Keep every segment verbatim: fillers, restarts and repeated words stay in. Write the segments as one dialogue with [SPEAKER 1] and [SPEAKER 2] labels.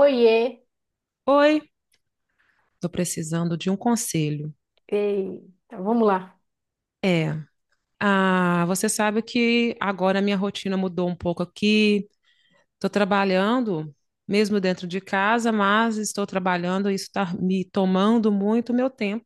[SPEAKER 1] Oiê!
[SPEAKER 2] Oi, tô precisando de um conselho.
[SPEAKER 1] Eita, vamos lá.
[SPEAKER 2] É, ah, você sabe que agora a minha rotina mudou um pouco aqui. Tô trabalhando mesmo dentro de casa, mas estou trabalhando e isso está me tomando muito meu tempo.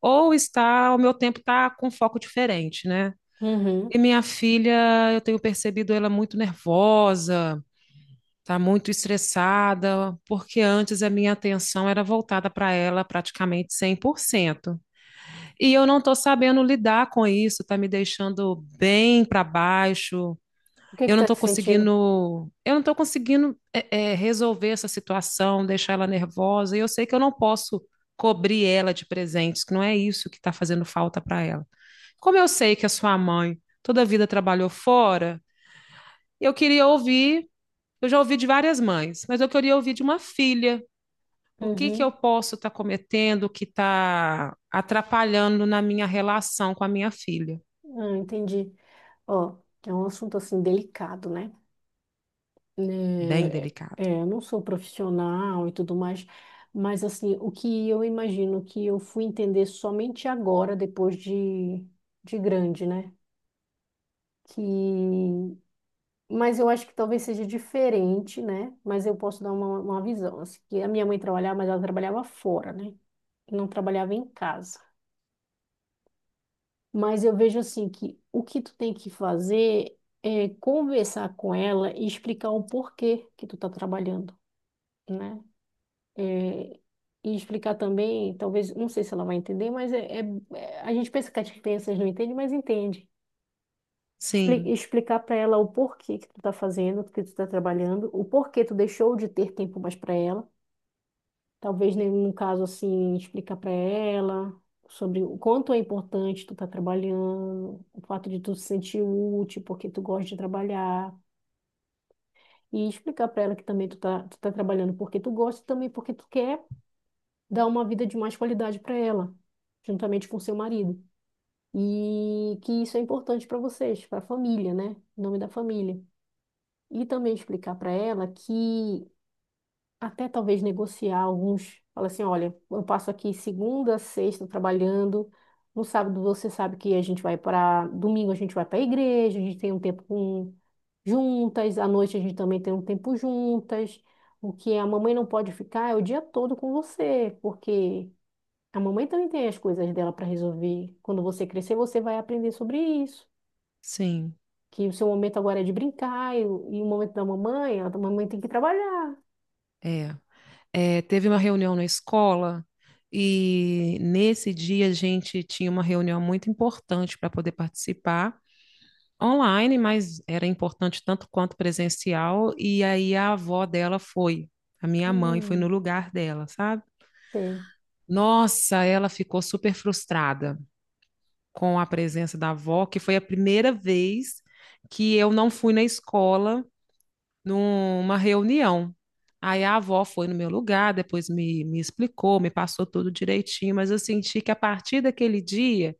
[SPEAKER 2] Ou está, o meu tempo está com foco diferente, né?
[SPEAKER 1] Uhum.
[SPEAKER 2] E minha filha, eu tenho percebido ela muito nervosa, tá muito estressada, porque antes a minha atenção era voltada para ela praticamente cem por cento. E eu não estou sabendo lidar com isso, está me deixando bem para baixo.
[SPEAKER 1] O que
[SPEAKER 2] Eu
[SPEAKER 1] que
[SPEAKER 2] não
[SPEAKER 1] tá
[SPEAKER 2] estou
[SPEAKER 1] te sentindo?
[SPEAKER 2] conseguindo, eu não estou conseguindo é, é, resolver essa situação, deixar ela nervosa. E eu sei que eu não posso cobrir ela de presentes, que não é isso que está fazendo falta para ela. Como eu sei que a sua mãe toda a vida trabalhou fora, eu queria ouvir, eu já ouvi de várias mães, mas eu queria ouvir de uma filha o que que
[SPEAKER 1] Uhum.
[SPEAKER 2] eu posso estar cometendo que está atrapalhando na minha relação com a minha filha?
[SPEAKER 1] Ah, entendi. Ó, é um assunto assim delicado, né?
[SPEAKER 2] Bem
[SPEAKER 1] Né,
[SPEAKER 2] delicado.
[SPEAKER 1] é, eu não sou profissional e tudo mais, mas assim, o que eu imagino que eu fui entender somente agora, depois de, de grande, né? Que... Mas eu acho que talvez seja diferente, né? Mas eu posso dar uma, uma visão. Assim, que a minha mãe trabalhava, mas ela trabalhava fora, né? Não trabalhava em casa. Mas eu vejo assim que o que tu tem que fazer é conversar com ela e explicar o porquê que tu tá trabalhando, né? É, e explicar também, talvez, não sei se ela vai entender, mas é, é- é- a gente pensa que as crianças não entendem, mas entende. Expli-
[SPEAKER 2] Sim,
[SPEAKER 1] Explicar para ela o porquê que tu tá fazendo, que tu tá trabalhando, o porquê tu deixou de ter tempo mais para ela. Talvez num caso assim, explicar para ela sobre o quanto é importante tu tá trabalhando, o fato de tu se sentir útil, porque tu gosta de trabalhar, e explicar para ela que também tu tá, tu tá trabalhando porque tu gosta e também porque tu quer dar uma vida de mais qualidade para ela, juntamente com seu marido. E que isso é importante para vocês, para a família, né? Em nome da família. E também explicar para ela que até talvez negociar alguns. Fala assim, olha, eu passo aqui segunda, a sexta trabalhando. No sábado você sabe que a gente vai para domingo a gente vai para a igreja, a gente tem um tempo com- juntas, à noite a gente também tem um tempo juntas. O que a mamãe não pode ficar é o dia todo com você, porque a mamãe também tem as coisas dela para resolver. Quando você crescer, você vai aprender sobre isso.
[SPEAKER 2] sim,
[SPEAKER 1] Que o seu momento agora é de brincar e, o e o momento da mamãe, a mamãe tem que trabalhar.
[SPEAKER 2] é. É, teve uma reunião na escola e nesse dia a gente tinha uma reunião muito importante para poder participar online, mas era importante tanto quanto presencial. E aí a avó dela foi, a minha mãe foi no
[SPEAKER 1] Hum,
[SPEAKER 2] lugar dela, sabe?
[SPEAKER 1] sei.
[SPEAKER 2] Nossa, ela ficou super frustrada com a presença da avó, que foi a primeira vez que eu não fui na escola numa reunião. Aí a avó foi no meu lugar, depois me, me explicou, me passou tudo direitinho, mas eu senti que a partir daquele dia,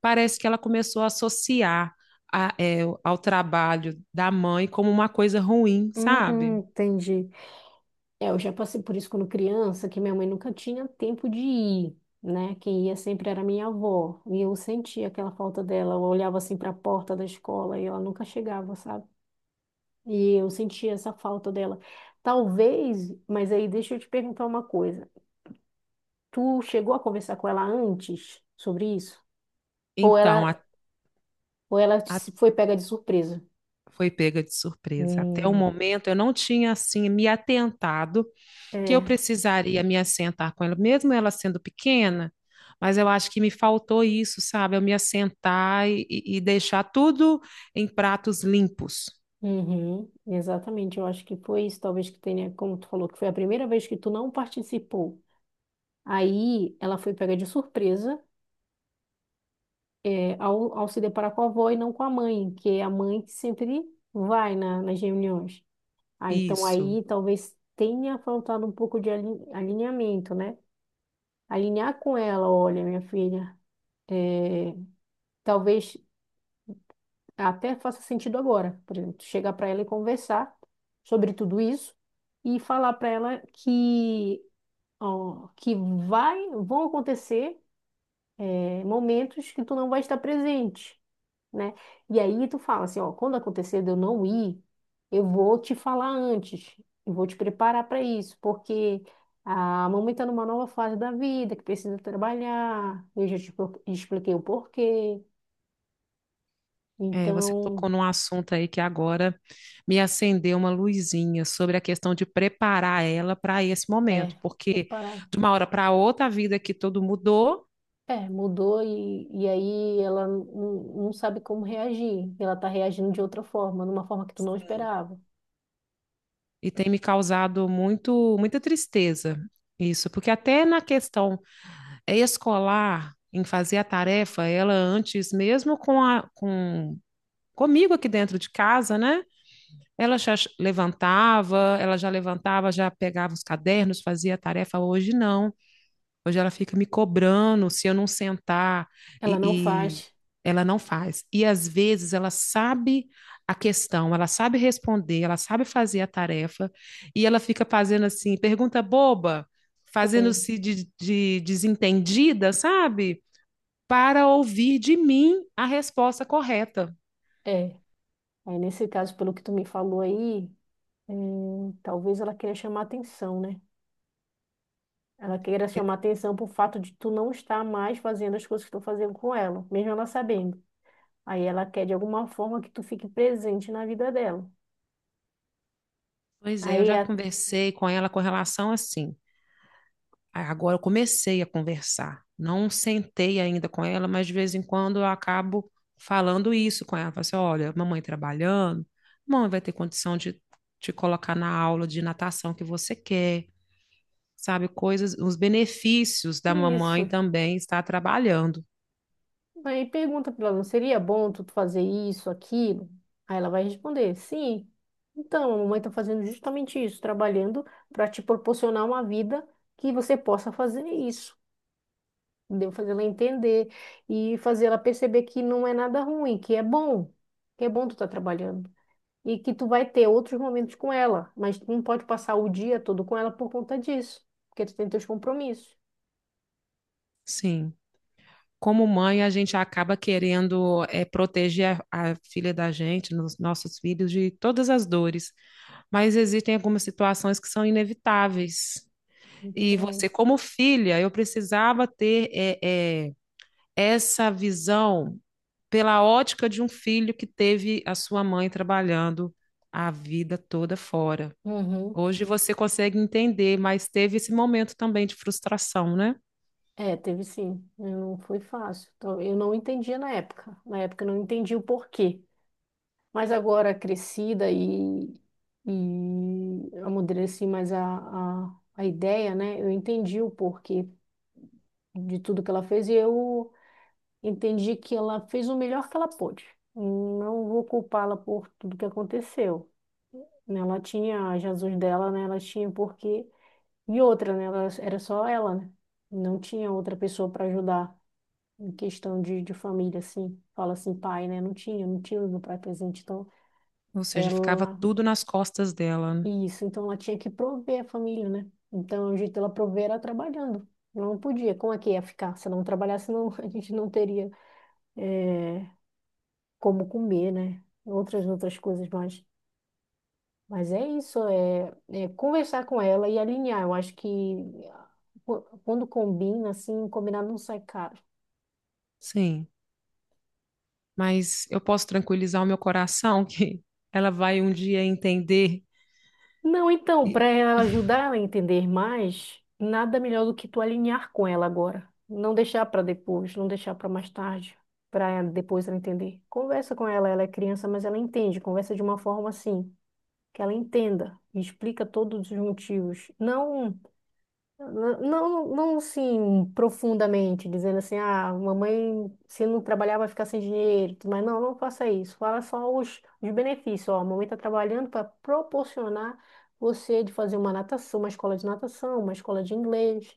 [SPEAKER 2] parece que ela começou a associar a- é, ao trabalho da mãe como uma coisa ruim, sabe?
[SPEAKER 1] Hum, entendi. É, eu já passei por isso quando criança, que minha mãe nunca tinha tempo de ir, né? Quem ia sempre era minha avó. E eu sentia aquela falta dela. Eu olhava assim para a porta da escola e ela nunca chegava, sabe? E eu sentia essa falta dela. Talvez, mas aí deixa eu te perguntar uma coisa. Tu chegou a conversar com ela antes sobre isso? Ou
[SPEAKER 2] Então,
[SPEAKER 1] ela,
[SPEAKER 2] a,
[SPEAKER 1] ou ela
[SPEAKER 2] a-
[SPEAKER 1] se foi pega de surpresa?
[SPEAKER 2] foi pega de surpresa. Até o
[SPEAKER 1] Hum,
[SPEAKER 2] momento, eu não tinha, assim, me atentado que eu
[SPEAKER 1] é.
[SPEAKER 2] precisaria me assentar com ela, mesmo ela sendo pequena, mas eu acho que me faltou isso, sabe? Eu me assentar e, e e deixar tudo em pratos limpos.
[SPEAKER 1] Uhum, exatamente, eu acho que foi isso, talvez que tenha, como tu falou, que foi a primeira vez que tu não participou. Aí ela foi pega de surpresa, é, ao, ao se deparar com a avó e não com a mãe, que é a mãe que sempre vai na- nas reuniões. Ah, então
[SPEAKER 2] Isso.
[SPEAKER 1] aí talvez tenha faltado um pouco de alin- alinhamento, né? Alinhar com ela, olha, minha filha, é, talvez até faça sentido agora, por exemplo, chegar para ela e conversar sobre tudo isso e falar para ela que ó, que vai vão acontecer é, momentos que tu não vai estar presente, né? E aí tu fala assim, ó, quando acontecer de eu não ir, eu vou te falar antes, eu vou te preparar para isso, porque a mamãe está numa nova fase da vida, que precisa trabalhar, eu já te pro- expliquei o porquê,
[SPEAKER 2] É, você
[SPEAKER 1] então
[SPEAKER 2] tocou num assunto aí que agora me acendeu uma luzinha sobre a questão de preparar ela para esse
[SPEAKER 1] é
[SPEAKER 2] momento, porque
[SPEAKER 1] preparar.
[SPEAKER 2] de uma hora para outra a vida aqui todo mudou.
[SPEAKER 1] É, mudou e, e aí ela n- não sabe como reagir. Ela tá reagindo de outra forma, numa forma que tu não
[SPEAKER 2] Sim.
[SPEAKER 1] esperava.
[SPEAKER 2] E tem me causado muito, muita tristeza isso, porque até na questão escolar em fazer a tarefa, ela antes, mesmo com a, com, comigo aqui dentro de casa, né? Ela já levantava, ela já levantava, já pegava os cadernos, fazia a tarefa. Hoje não. Hoje ela fica me cobrando se eu não sentar
[SPEAKER 1] Ela não
[SPEAKER 2] e, e
[SPEAKER 1] faz.
[SPEAKER 2] ela não faz. E às vezes ela sabe a questão, ela sabe responder, ela sabe fazer a tarefa e ela fica fazendo assim, pergunta boba,
[SPEAKER 1] Sei.
[SPEAKER 2] fazendo-se de, de desentendida, sabe? Para ouvir de mim a resposta correta.
[SPEAKER 1] É. Aí nesse caso, pelo que tu me falou aí, é, talvez ela queira chamar atenção, né? Ela queira chamar atenção pro fato de tu não estar mais fazendo as coisas que tu tá fazendo com ela, mesmo ela sabendo. Aí ela quer de alguma forma que tu fique presente na vida dela.
[SPEAKER 2] Pois é, eu
[SPEAKER 1] Aí
[SPEAKER 2] já
[SPEAKER 1] é
[SPEAKER 2] conversei com ela com relação assim. Agora eu comecei a conversar. Não sentei ainda com ela, mas de vez em quando eu acabo falando isso com ela. Falo assim, olha, mamãe trabalhando, mamãe vai ter condição de te colocar na aula de natação que você quer, sabe? Coisas, os benefícios da mamãe
[SPEAKER 1] isso.
[SPEAKER 2] também estar trabalhando.
[SPEAKER 1] Aí pergunta pra ela, não seria bom tu fazer isso, aquilo? Aí ela vai responder, sim. Então, a mamãe tá fazendo justamente isso, trabalhando para te proporcionar uma vida que você possa fazer isso. Entendeu? Fazer ela entender e fazer ela perceber que não é nada ruim, que é bom, que é bom tu tá trabalhando. E que tu vai ter outros momentos com ela, mas tu não pode passar o dia todo com ela por conta disso, porque tu tem teus compromissos.
[SPEAKER 2] Sim. Como mãe, a gente acaba querendo é, proteger a, a filha da gente, nos nossos filhos, de todas as dores. Mas existem algumas situações que são inevitáveis. E
[SPEAKER 1] Entendeu?
[SPEAKER 2] você, como filha, eu precisava ter é, é, essa visão pela ótica de um filho que teve a sua mãe trabalhando a vida toda fora.
[SPEAKER 1] Uhum.
[SPEAKER 2] Hoje você consegue entender, mas teve esse momento também de frustração, né?
[SPEAKER 1] É, teve sim. Eu Não foi fácil. Então, eu não entendia na época. Na época eu não entendi o porquê. Mas agora crescida e, e amadureci mais a, a, a ideia, né? Eu entendi o porquê de tudo que ela fez e eu entendi que ela fez o melhor que ela pôde. Não vou culpá-la por tudo que aconteceu. Né? Ela tinha Jesus dela, né? Ela tinha um porquê. E outra, né? Ela, era só ela, né? Não tinha outra pessoa para ajudar em questão de, de família, assim, fala assim, pai, né? Não tinha, não tinha o meu pai presente, então
[SPEAKER 2] Ou seja, ficava
[SPEAKER 1] ela,
[SPEAKER 2] tudo nas costas dela, né?
[SPEAKER 1] isso, então ela tinha que prover a família, né? Então o jeito dela prover era trabalhando, não podia, como é que ia ficar? Se ela não trabalhasse, não, a gente não teria eh, como comer, né? Outras, outras coisas mais. Mas é isso, é, é conversar com ela e alinhar. Eu acho que qu- quando combina, assim, combinar não sai caro.
[SPEAKER 2] Sim. Mas eu posso tranquilizar o meu coração que ela vai um dia entender
[SPEAKER 1] Não, então,
[SPEAKER 2] e-
[SPEAKER 1] para ela ajudar ela a entender mais, nada melhor do que tu alinhar com ela agora. Não deixar para depois, não deixar para mais tarde, para depois ela entender. Conversa com ela, ela é criança, mas ela entende. Conversa de uma forma assim, que ela entenda e explica todos os motivos. Não não, não, não, assim, profundamente, dizendo assim, ah, mamãe, se não trabalhar vai ficar sem dinheiro, tudo mais não, não faça isso. Fala só os, os benefícios, ó, a mamãe está trabalhando para proporcionar você de fazer uma natação, uma escola de natação, uma escola de inglês,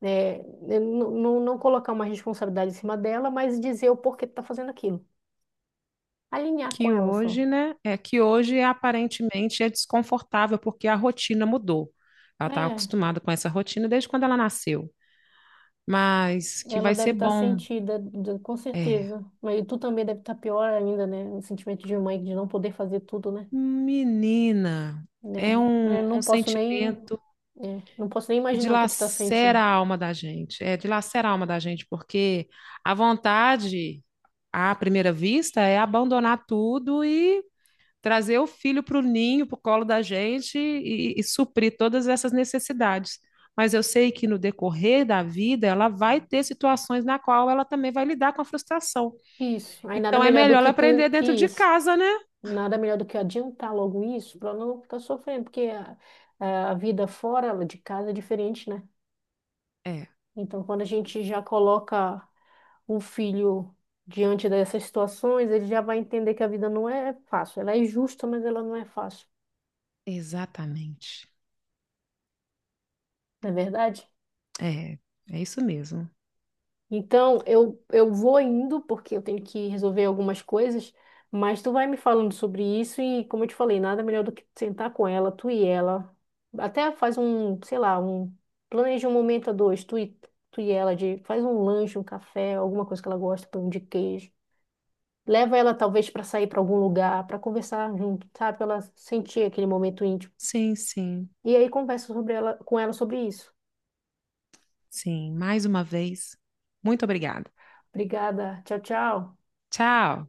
[SPEAKER 1] né? Eu Não, não, colocar uma responsabilidade em cima dela, mas dizer o porquê que está fazendo aquilo. Alinhar com
[SPEAKER 2] que
[SPEAKER 1] ela só.
[SPEAKER 2] hoje, né? É que hoje aparentemente é desconfortável porque a rotina mudou. Ela está
[SPEAKER 1] É,
[SPEAKER 2] acostumada com essa rotina desde quando ela nasceu, mas que
[SPEAKER 1] ela
[SPEAKER 2] vai ser
[SPEAKER 1] deve estar
[SPEAKER 2] bom.
[SPEAKER 1] sentida, d- com
[SPEAKER 2] É,
[SPEAKER 1] certeza. Mas tu também deve estar pior ainda, né? O sentimento de mãe de não poder fazer tudo, né?
[SPEAKER 2] menina, é um,
[SPEAKER 1] É, eu
[SPEAKER 2] um
[SPEAKER 1] não posso nem,
[SPEAKER 2] sentimento
[SPEAKER 1] é, não posso nem
[SPEAKER 2] que
[SPEAKER 1] imaginar o que tu tá
[SPEAKER 2] dilacera
[SPEAKER 1] sentindo.
[SPEAKER 2] a alma da gente. É, dilacera a alma da gente porque a vontade à primeira vista é abandonar tudo e trazer o filho para o ninho, para o colo da gente e, e suprir todas essas necessidades. Mas eu sei que no decorrer da vida ela vai ter situações na qual ela também vai lidar com a frustração.
[SPEAKER 1] Isso. Aí nada
[SPEAKER 2] Então é
[SPEAKER 1] melhor do
[SPEAKER 2] melhor ela
[SPEAKER 1] que
[SPEAKER 2] aprender
[SPEAKER 1] tu.
[SPEAKER 2] dentro de
[SPEAKER 1] Isso.
[SPEAKER 2] casa, né?
[SPEAKER 1] Nada melhor do que adiantar logo isso para não ficar sofrendo, porque a, a vida fora de casa é diferente, né?
[SPEAKER 2] É,
[SPEAKER 1] Então, quando a gente já coloca o filho diante dessas situações, ele já vai entender que a vida não é fácil. Ela é justa, mas ela não é fácil.
[SPEAKER 2] exatamente.
[SPEAKER 1] Não é verdade?
[SPEAKER 2] É, é isso mesmo.
[SPEAKER 1] Então, eu, eu vou indo porque eu tenho que resolver algumas coisas, mas tu vai me falando sobre isso e, como eu te falei, nada melhor do que sentar com ela, tu e ela. Até faz um, sei lá, um, planeja um momento a dois, tu e, tu e ela, de, faz um lanche, um café, alguma coisa que ela gosta, pão de queijo. Leva ela talvez para sair para algum lugar, para conversar junto, sabe? Pra ela sentir aquele momento íntimo.
[SPEAKER 2] Sim, sim,
[SPEAKER 1] E aí conversa sobre ela, com ela sobre isso.
[SPEAKER 2] sim. Mais uma vez, muito obrigada.
[SPEAKER 1] Obrigada. Tchau, tchau.
[SPEAKER 2] Tchau.